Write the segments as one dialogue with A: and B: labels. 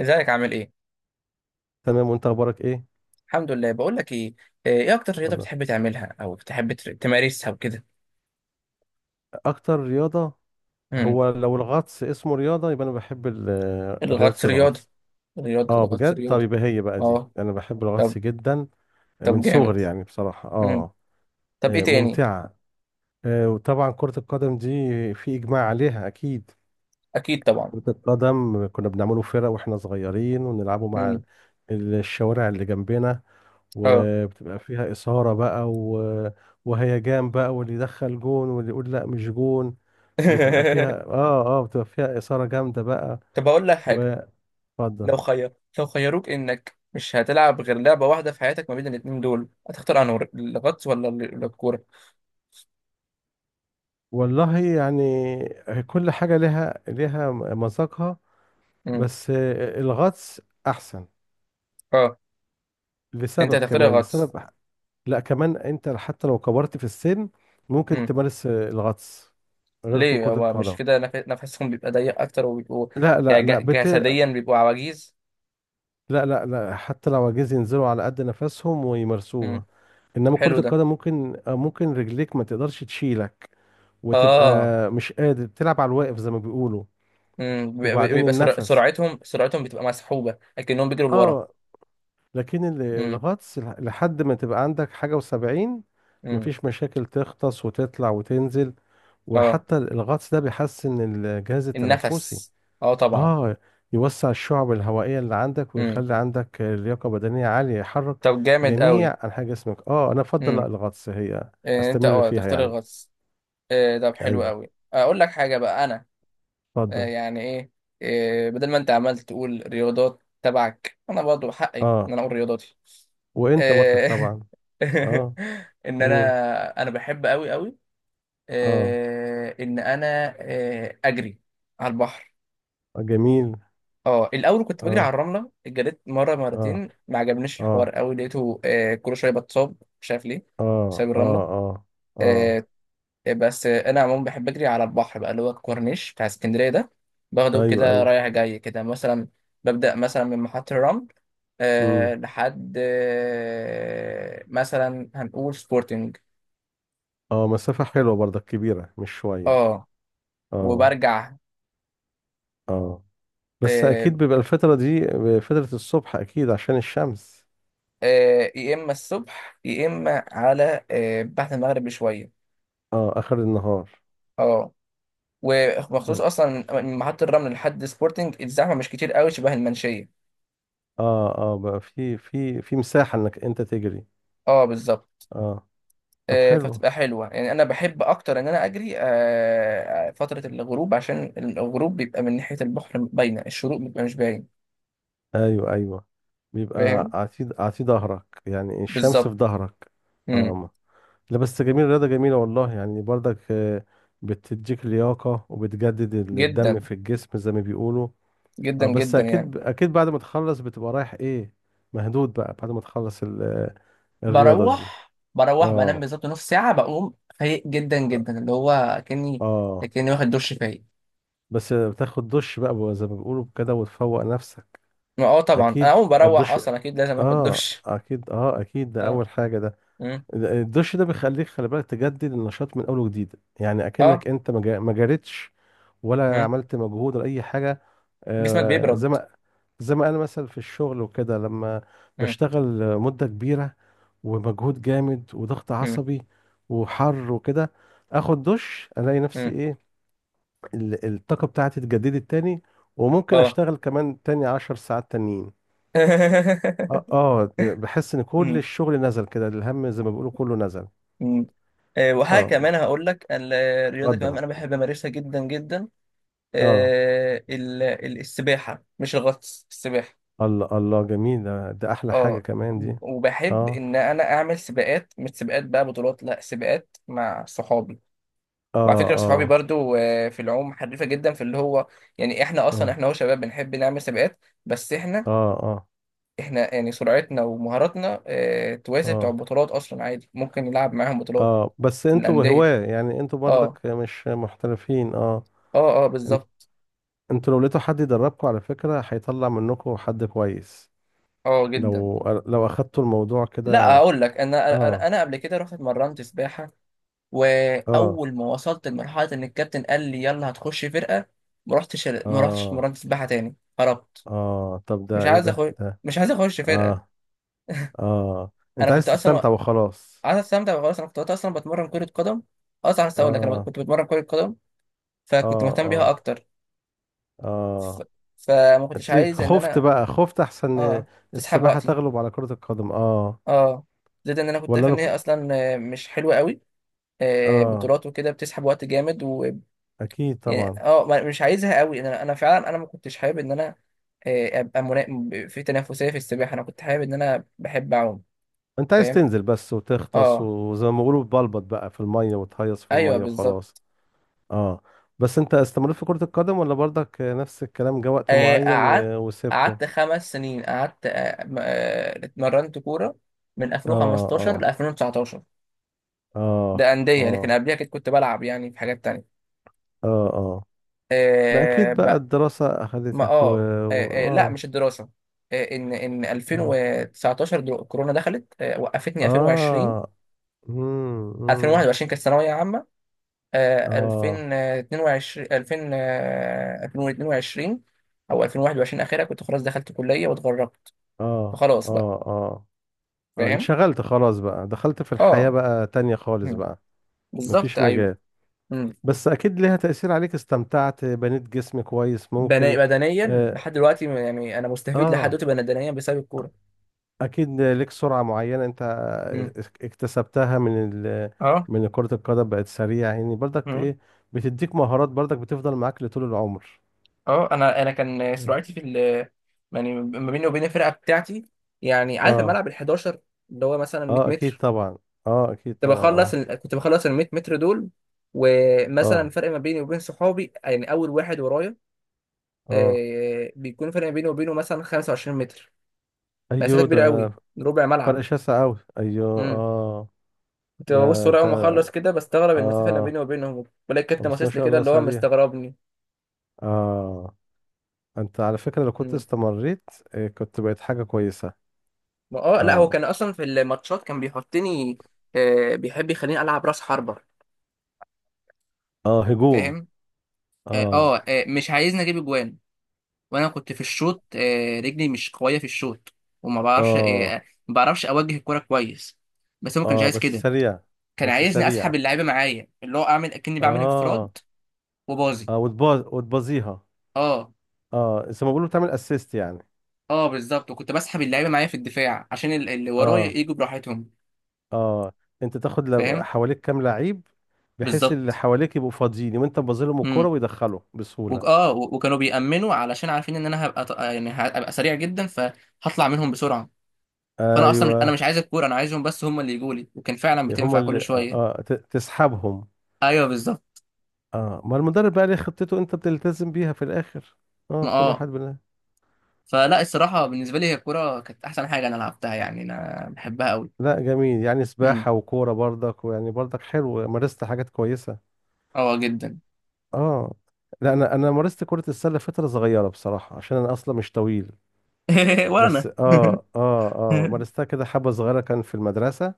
A: ازيك؟ عامل ايه؟
B: تمام، وانت اخبارك ايه؟
A: الحمد لله. بقول لك ايه، ايه اكتر رياضة
B: اتفضل.
A: بتحب تعملها او بتحب تمارسها وكده؟
B: اكتر رياضه.
A: امم.
B: هو لو الغطس اسمه رياضه، يبقى انا بحب رياضه
A: الغطس رياضة.
B: الغطس.
A: رياضة
B: اه
A: الغطس
B: بجد. طب
A: رياضة.
B: يبقى هي بقى دي،
A: اه.
B: انا بحب
A: طب.
B: الغطس جدا من
A: طب، جامد.
B: صغري، يعني بصراحه.
A: امم. طب ايه تاني؟
B: ممتعه. وطبعا كره القدم دي، في اجماع عليها اكيد.
A: اكيد طبعا.
B: كره القدم كنا بنعمله فرق واحنا صغيرين، ونلعبه مع
A: امم.
B: الشوارع اللي جنبنا.
A: اه.
B: وبتبقى فيها إثارة بقى، وهيجان بقى، واللي يدخل جون واللي يقول لا مش جون. بتبقى فيها إثارة جامدة بقى.
A: طب اقول لك حاجة.
B: واتفضل.
A: لو خير لو خيروك انك مش هتلعب غير لعبة واحدة في حياتك، ما بين الاتنين دول هتختار انهي، الغطس ولا الكورة؟
B: والله يعني، كل حاجة لها مذاقها.
A: امم.
B: بس الغطس أحسن،
A: اه. انت
B: لسبب،
A: هتختار
B: كمان
A: الغطس.
B: لسبب. لا كمان، أنت حتى لو كبرت في السن ممكن تمارس الغطس، غير
A: ليه؟
B: كرة
A: هو مش
B: القدم.
A: كده نفسهم بيبقى ضيق اكتر، وبيبقوا
B: لا
A: يعني
B: لا لا
A: جسديا بيبقوا عواجيز.
B: لا لا لا، حتى لو عايزين ينزلوا على قد نفسهم
A: مم.
B: ويمارسوها. انما
A: حلو
B: كرة
A: ده.
B: القدم، ممكن رجليك ما تقدرش تشيلك، وتبقى
A: اه.
B: مش قادر، بتلعب على الواقف زي ما بيقولوا.
A: مم. بيبقى
B: وبعدين
A: بيبقى
B: النفس.
A: سرعتهم بتبقى مسحوبة، لكنهم بيجروا لورا.
B: اه لكن
A: مم.
B: الغطس لحد ما تبقى عندك حاجة و70،
A: مم.
B: مفيش مشاكل، تغطس وتطلع وتنزل.
A: اه،
B: وحتى الغطس ده بيحسن الجهاز التنفسي.
A: النفس. اه طبعا.
B: اه يوسع الشعب الهوائية اللي عندك،
A: مم.
B: ويخلي عندك لياقة بدنية عالية، يحرك
A: طب جامد قوي.
B: جميع أنحاء جسمك. اه، أنا أفضل، لا
A: مم.
B: الغطس، هي
A: إيه، انت
B: أستمر
A: اه
B: فيها
A: تختار
B: يعني.
A: الغطس. إيه، طب حلو
B: أيوه.
A: قوي. اقول لك حاجة بقى انا،
B: اتفضل.
A: يعني ايه، بدل ما انت عمال تقول رياضات تبعك، انا برضه حقي
B: اه
A: ان انا اقول رياضاتي.
B: وأنت برضك
A: آه،
B: طبعا. اه.
A: ان
B: قول.
A: انا انا بحب قوي قوي،
B: اه.
A: آه، ان انا آه، اجري على البحر.
B: جميل.
A: اه، الاول كنت بجري على
B: اه.
A: الرمله، جريت مره
B: اه.
A: مرتين ما عجبنيش الحوار
B: اه.
A: قوي، لقيته كل شويه بتصاب مش عارف ليه، بسبب
B: اه. اه.
A: الرمله.
B: اه. اه.
A: آه، بس انا عموما بحب اجري على البحر بقى، اللي هو الكورنيش بتاع اسكندريه ده. باخده
B: ايوه
A: كده
B: ايوه.
A: رايح جاي كده مثلا، ببدا مثلا من محطه الرمل، أه
B: امم.
A: لحد أه مثلا، هنقول سبورتنج.
B: اه، مسافة حلوة برضك، كبيرة مش شوية.
A: اه،
B: اه.
A: وبرجع.
B: اه. بس
A: أه.
B: اكيد بيبقى الفترة دي فترة الصبح، اكيد عشان الشمس.
A: أه، يا اما الصبح يا اما على أه بعد المغرب بشويه.
B: اه، اخر النهار.
A: اه، ومخصوص
B: طب.
A: اصلا من محطه الرمل لحد سبورتنج الزحمه مش كتير قوي شبه المنشيه.
B: اه بقى في مساحة انك انت تجري.
A: اه بالظبط.
B: اه طب حلو.
A: فبتبقى حلوة يعني، أنا بحب أكتر إن أنا أجري فترة الغروب، عشان الغروب بيبقى من ناحية البحر باينة، الشروق بيبقى مش باين.
B: ايوه ايوه. بيبقى
A: فاهم.
B: عتيد عتيد ظهرك، يعني الشمس في
A: بالظبط.
B: ظهرك.
A: مم.
B: اه. لا بس جميل، الرياضة جميلة والله يعني برضك. آه، بتديك لياقة، وبتجدد الدم
A: جدا،
B: في الجسم زي ما بيقولوا.
A: جدا
B: اه بس
A: جدا يعني.
B: اكيد اكيد بعد ما تخلص بتبقى رايح ايه، مهدود بقى، بعد ما تخلص الرياضة دي.
A: بروح بنام
B: اه.
A: بالظبط نص ساعة، بقوم فايق جدا جدا، اللي هو كأني،
B: اه
A: كأني واخد دش، فايق.
B: بس بتاخد دش بقى زي ما بيقولوا كده، وتفوق نفسك.
A: ما اه طبعا، أنا
B: اكيد.
A: أول ما بروح
B: الدش.
A: أصلا أكيد لازم آخد
B: اه
A: دش.
B: اكيد، اه اكيد، ده
A: اه.
B: اول حاجة ده.
A: مم.
B: الدش ده بيخليك، خلي بالك، تجدد النشاط من اول وجديد، يعني
A: اه.
B: اكنك انت ما جريتش، ولا
A: مم.
B: عملت مجهود ولا اي حاجه.
A: جسمك
B: آه، زي
A: بيبرد.
B: ما زي ما انا مثلا في الشغل وكده، لما
A: مم.
B: بشتغل مده كبيره، ومجهود جامد وضغط
A: مم.
B: عصبي وحر وكده، اخد دش الاقي نفسي
A: مم.
B: ايه، الطاقه بتاعتي اتجددت تاني، وممكن
A: اه.
B: اشتغل كمان تاني 10 ساعات تانيين. اه، بحس ان كل
A: مم.
B: الشغل نزل كده، الهم زي ما بيقولوا كله نزل.
A: مم. وحاجة
B: اه.
A: كمان هقول لك، الرياضة كمان
B: اتفضل.
A: أنا بحب أمارسها جدا جدا،
B: اه،
A: السباحة، مش الغطس، السباحة.
B: الله الله، جميل ده, احلى حاجة
A: اه،
B: كمان دي.
A: وبحب
B: اه.
A: إن أنا أعمل سباقات، مش سباقات بقى بطولات، لا سباقات مع صحابي. وعلى
B: اه.
A: فكرة صحابي
B: اه.
A: برضو في العوم حريفة جدا، في اللي هو يعني، إحنا أصلا
B: اه.
A: إحنا هو شباب بنحب نعمل سباقات. بس إحنا
B: اه. اه.
A: إحنا يعني سرعتنا ومهاراتنا توازي بتوع
B: اه.
A: البطولات أصلا، عادي ممكن نلعب معاهم بطولات
B: اه. بس
A: في
B: انتوا
A: الأندية.
B: هواة، يعني انتوا
A: اه
B: برضك مش محترفين. اه.
A: اه اه
B: انت-
A: بالظبط.
B: انتوا لو لقيتوا حد يدربكم، على فكرة هيطلع منكم حد كويس.
A: اه جدا.
B: لو لو اخدتوا الموضوع
A: لا
B: كده.
A: اقول لك، انا انا
B: اه.
A: أنا قبل كده رحت اتمرنت سباحه،
B: اه.
A: واول ما وصلت لمرحله ان الكابتن قال لي يلا هتخش فرقه، ما رحتش
B: اه.
A: اتمرنت سباحه تاني، هربت.
B: اه طب ده
A: مش
B: ايه
A: عايز
B: ده
A: اخش،
B: ده
A: مش عايز اخش فرقه.
B: اه اه، انت
A: انا كنت
B: عايز
A: اصلا و-
B: تستمتع وخلاص.
A: عايز استمتع وخلاص. انا كنت وقتها اصلا بتمرن كره قدم، اصلا عايز اقول لك انا
B: اه.
A: كنت بتمرن كره قدم،
B: اه.
A: فكنت مهتم بيها
B: اه.
A: اكتر. ف...
B: اه
A: فما كنتش
B: اتليك،
A: عايز ان
B: خفت
A: انا
B: بقى، خفت احسن.
A: اه تسحب
B: السباحة
A: وقتي.
B: تغلب على كرة القدم اه.
A: اه، زائد ان انا كنت
B: ولا
A: شايف ان
B: لك.
A: هي اصلا مش حلوه قوي،
B: اه
A: بطولات وكده بتسحب وقت جامد، و
B: اكيد
A: يعني
B: طبعا.
A: اه مش عايزها قوي. انا انا فعلا انا ما كنتش حابب ان انا ابقى في تنافسيه في السباحه، انا كنت حابب ان انا بحب اعوم.
B: انت عايز
A: فاهم.
B: تنزل بس وتغطس،
A: اه،
B: وزي ما بيقولوا بلبط بقى في المية، وتهيص في
A: ايوه
B: المية
A: بالظبط.
B: وخلاص. اه بس انت استمريت في كرة القدم، ولا برضك نفس الكلام، جه وقت
A: آه،
B: معين
A: قعدت
B: وسبته.
A: قعدت خمس سنين قعدت اتمرنت كوره، من
B: اه.
A: 2015 ل
B: اه.
A: 2019.
B: اه.
A: ده انديه، لكن
B: اه.
A: قبلها كنت بلعب يعني في حاجات تانية.
B: اه. اه. ما اكيد
A: آه،
B: بقى الدراسة
A: ما
B: اخذتك.
A: اه لا
B: اه.
A: مش الدراسه. ان ان
B: اه.
A: 2019 كورونا دخلت، وقفتني. 2020،
B: اه. امم.
A: 2021 كانت ثانويه عامه،
B: اه.
A: آه، 2022 2000 آه، 2022، او 2021 اخرها كنت خلاص دخلت كليه، واتغربت.
B: اه.
A: فخلاص بقى.
B: اه. اه.
A: فاهم.
B: انشغلت خلاص بقى، دخلت في الحياة
A: اه.
B: بقى تانية خالص
A: مم.
B: بقى.
A: بالظبط
B: مفيش
A: ايوه.
B: مجال.
A: مم.
B: بس اكيد ليها تأثير عليك، استمتعت، بنيت جسم كويس ممكن.
A: بدنيا
B: اه.
A: لحد دلوقتي، يعني انا مستفيد لحد
B: آه.
A: دلوقتي بدنيا بسبب الكوره.
B: اكيد ليك سرعة معينة انت
A: مم.
B: اكتسبتها
A: اه.
B: من كرة القدم، بقت سريعة يعني برضك ايه. بتديك مهارات برضك، بتفضل معاك لطول العمر.
A: اه، انا انا كان
B: مم.
A: سرعتي في ال، يعني ما بيني وبين الفرقه بتاعتي، يعني عارف
B: اه.
A: الملعب ال 11، اللي هو مثلا 100
B: اه اكيد
A: متر.
B: طبعا. اه اكيد طبعا. اه.
A: كنت بخلص ال 100 متر دول، ومثلا
B: اه.
A: فرق ما بيني وبين صحابي، يعني اول واحد ورايا
B: اه.
A: آه بيكون فرق ما بيني وبينه مثلا 25 متر، مسافه
B: ايوه ده،
A: كبيره قوي، ربع
B: فرق
A: ملعب.
B: شاسع اوي، ايوه
A: امم.
B: اه.
A: كنت ببص
B: ده
A: ورا
B: انت.
A: اول ما اخلص كده، بستغرب المسافه اللي ما بيني
B: اه
A: وبينهم، بلاقي الكابتن
B: بس ما
A: باصص لي
B: شاء
A: كده
B: الله
A: اللي هو
B: سريع.
A: مستغربني.
B: اه، انت على فكرة لو كنت استمريت آه، كنت بقيت حاجة كويسة.
A: ما اه لا، هو
B: اه.
A: كان اصلا في الماتشات كان بيحطني، آه بيحب يخليني العب راس حربة.
B: اه، هجوم.
A: فاهم. اه،
B: اه.
A: مش عايزني اجيب اجوان. وانا كنت في الشوط آه رجلي مش قويه في الشوط، وما بعرفش آه
B: اه.
A: ما بعرفش اوجه الكرة كويس. بس هو ما كانش
B: اه،
A: عايز
B: بس
A: كده،
B: سريع
A: كان
B: بس
A: عايزني اسحب
B: سريع.
A: اللعيبه معايا، اللي هو اعمل اكني بعمل
B: اه
A: انفراد، وباظي.
B: اه، وتبازيها.
A: اه
B: اه، زي ما بيقولوا بتعمل اسيست يعني.
A: اه بالظبط. وكنت بسحب اللعيبه معايا في الدفاع عشان اللي ورايا
B: اه.
A: يجوا براحتهم.
B: اه انت تاخد
A: فاهم
B: حواليك كام لعيب، بحيث اللي
A: بالظبط.
B: حواليك يبقوا فاضيين، وانت تبازلهم الكرة، ويدخلوا بسهولة.
A: وكانوا بيأمنوا، علشان عارفين ان انا هبقى يعني هبقى سريع جدا فهطلع منهم بسرعه. فانا اصلا، مش انا
B: ايوه،
A: مش عايز الكوره، انا عايزهم بس هم اللي يجوا لي، وكان فعلا
B: هما
A: بتنفع
B: اللي
A: كل شويه.
B: تسحبهم.
A: ايوه بالظبط.
B: اه، ما المدرب بقى ليه خطته، انت بتلتزم بيها في الاخر. اه،
A: ما
B: كل
A: اه
B: واحد بنا.
A: فلا الصراحه، بالنسبه لي هي الكوره كانت احسن حاجه انا لعبتها، يعني انا بحبها قوي.
B: لا جميل، يعني
A: امم.
B: سباحة وكورة برضك، ويعني برضك حلو، مارست حاجات كويسة.
A: اه جدا.
B: اه. لا انا مارست كرة السلة فترة صغيرة بصراحة، عشان انا اصلا مش طويل.
A: ولا
B: بس
A: انا.
B: اه. اه. اه مارستها كده حبة صغيرة، كان في المدرسة.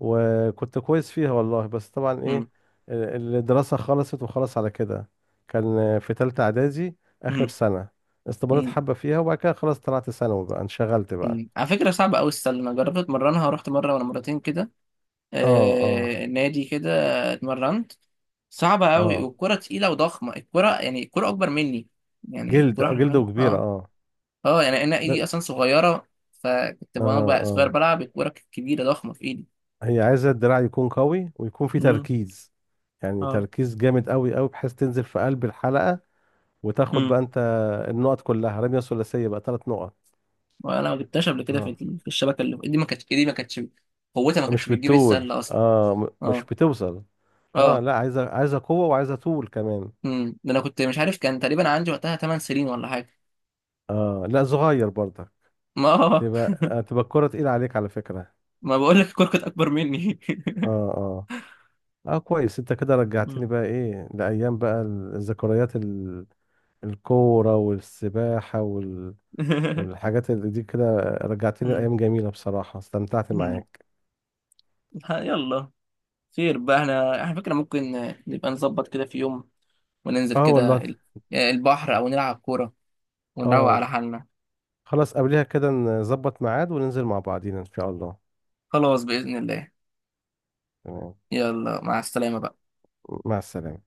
B: وكنت كويس فيها والله، بس طبعا
A: أمم.
B: ايه، الدراسة خلصت وخلص على كده. كان في تالتة اعدادي، اخر
A: أمم.
B: سنة. استمريت
A: أمم.
B: حبة فيها، وبعد كده خلاص طلعت ثانوي بقى، انشغلت بقى.
A: أمم. على فكره صعبه قوي السله، انا جربت اتمرنها، رحت مره ولا مرتين كده،
B: اه. اه.
A: نادي كده، اتمرنت. صعبة قوي،
B: اه،
A: والكرة تقيلة وضخمة، الكرة يعني الكرة أكبر مني، يعني
B: جلد،
A: الكرة
B: اه جلده
A: حرفيا
B: كبيرة
A: اه.
B: اه.
A: اه يعني أنا
B: بس
A: إيدي أصلا صغيرة، فكنت
B: اه.
A: وأنا بقى صغير
B: اه.
A: بلعب، الكرة كانت كبيرة ضخمة في إيدي.
B: هي عايزة الدراع يكون قوي، ويكون فيه
A: امم.
B: تركيز، يعني
A: اه.
B: تركيز جامد قوي قوي، بحيث تنزل في قلب الحلقة، وتاخد
A: امم.
B: بقى انت النقط كلها، رمية ثلاثية بقى، 3 نقط.
A: وأنا ما جبتهاش قبل كده في
B: اه،
A: في الشبكة، اللي إيدي ما كانتش، قوتها ما كانتش
B: مش
A: بتجيب
B: بتطول
A: السلة أصلا.
B: اه. مش
A: اه.
B: بتوصل. اه
A: اه.
B: لا، عايزة قوة، وعايزة طول كمان.
A: امم، ده أنا كنت مش عارف، كان تقريبا عندي وقتها 8 سنين ولا حاجة.
B: اه لا، صغير برضك،
A: ما
B: تبقى الكرة تقيلة عليك على فكرة.
A: ما بقول لك الكرة كانت أكبر مني.
B: اه. آه. اه كويس، انت كده رجعتني
A: مم.
B: بقى ايه لايام بقى، الذكريات، الكوره والسباحه والحاجات اللي دي كده، رجعتني
A: مم.
B: لايام جميله بصراحه، استمتعت
A: مم.
B: معاك.
A: يلا، خير بقى. احنا فكرة، ممكن نبقى نظبط كده في يوم، وننزل
B: اه
A: كده
B: والله
A: البحر، او نلعب كورة، ونروق
B: اه
A: على حالنا.
B: خلاص، قبلها كده نظبط ميعاد، وننزل مع بعضينا ان شاء الله.
A: خلاص، بإذن الله.
B: تمام.
A: يلا مع السلامة بقى.
B: مع السلامه.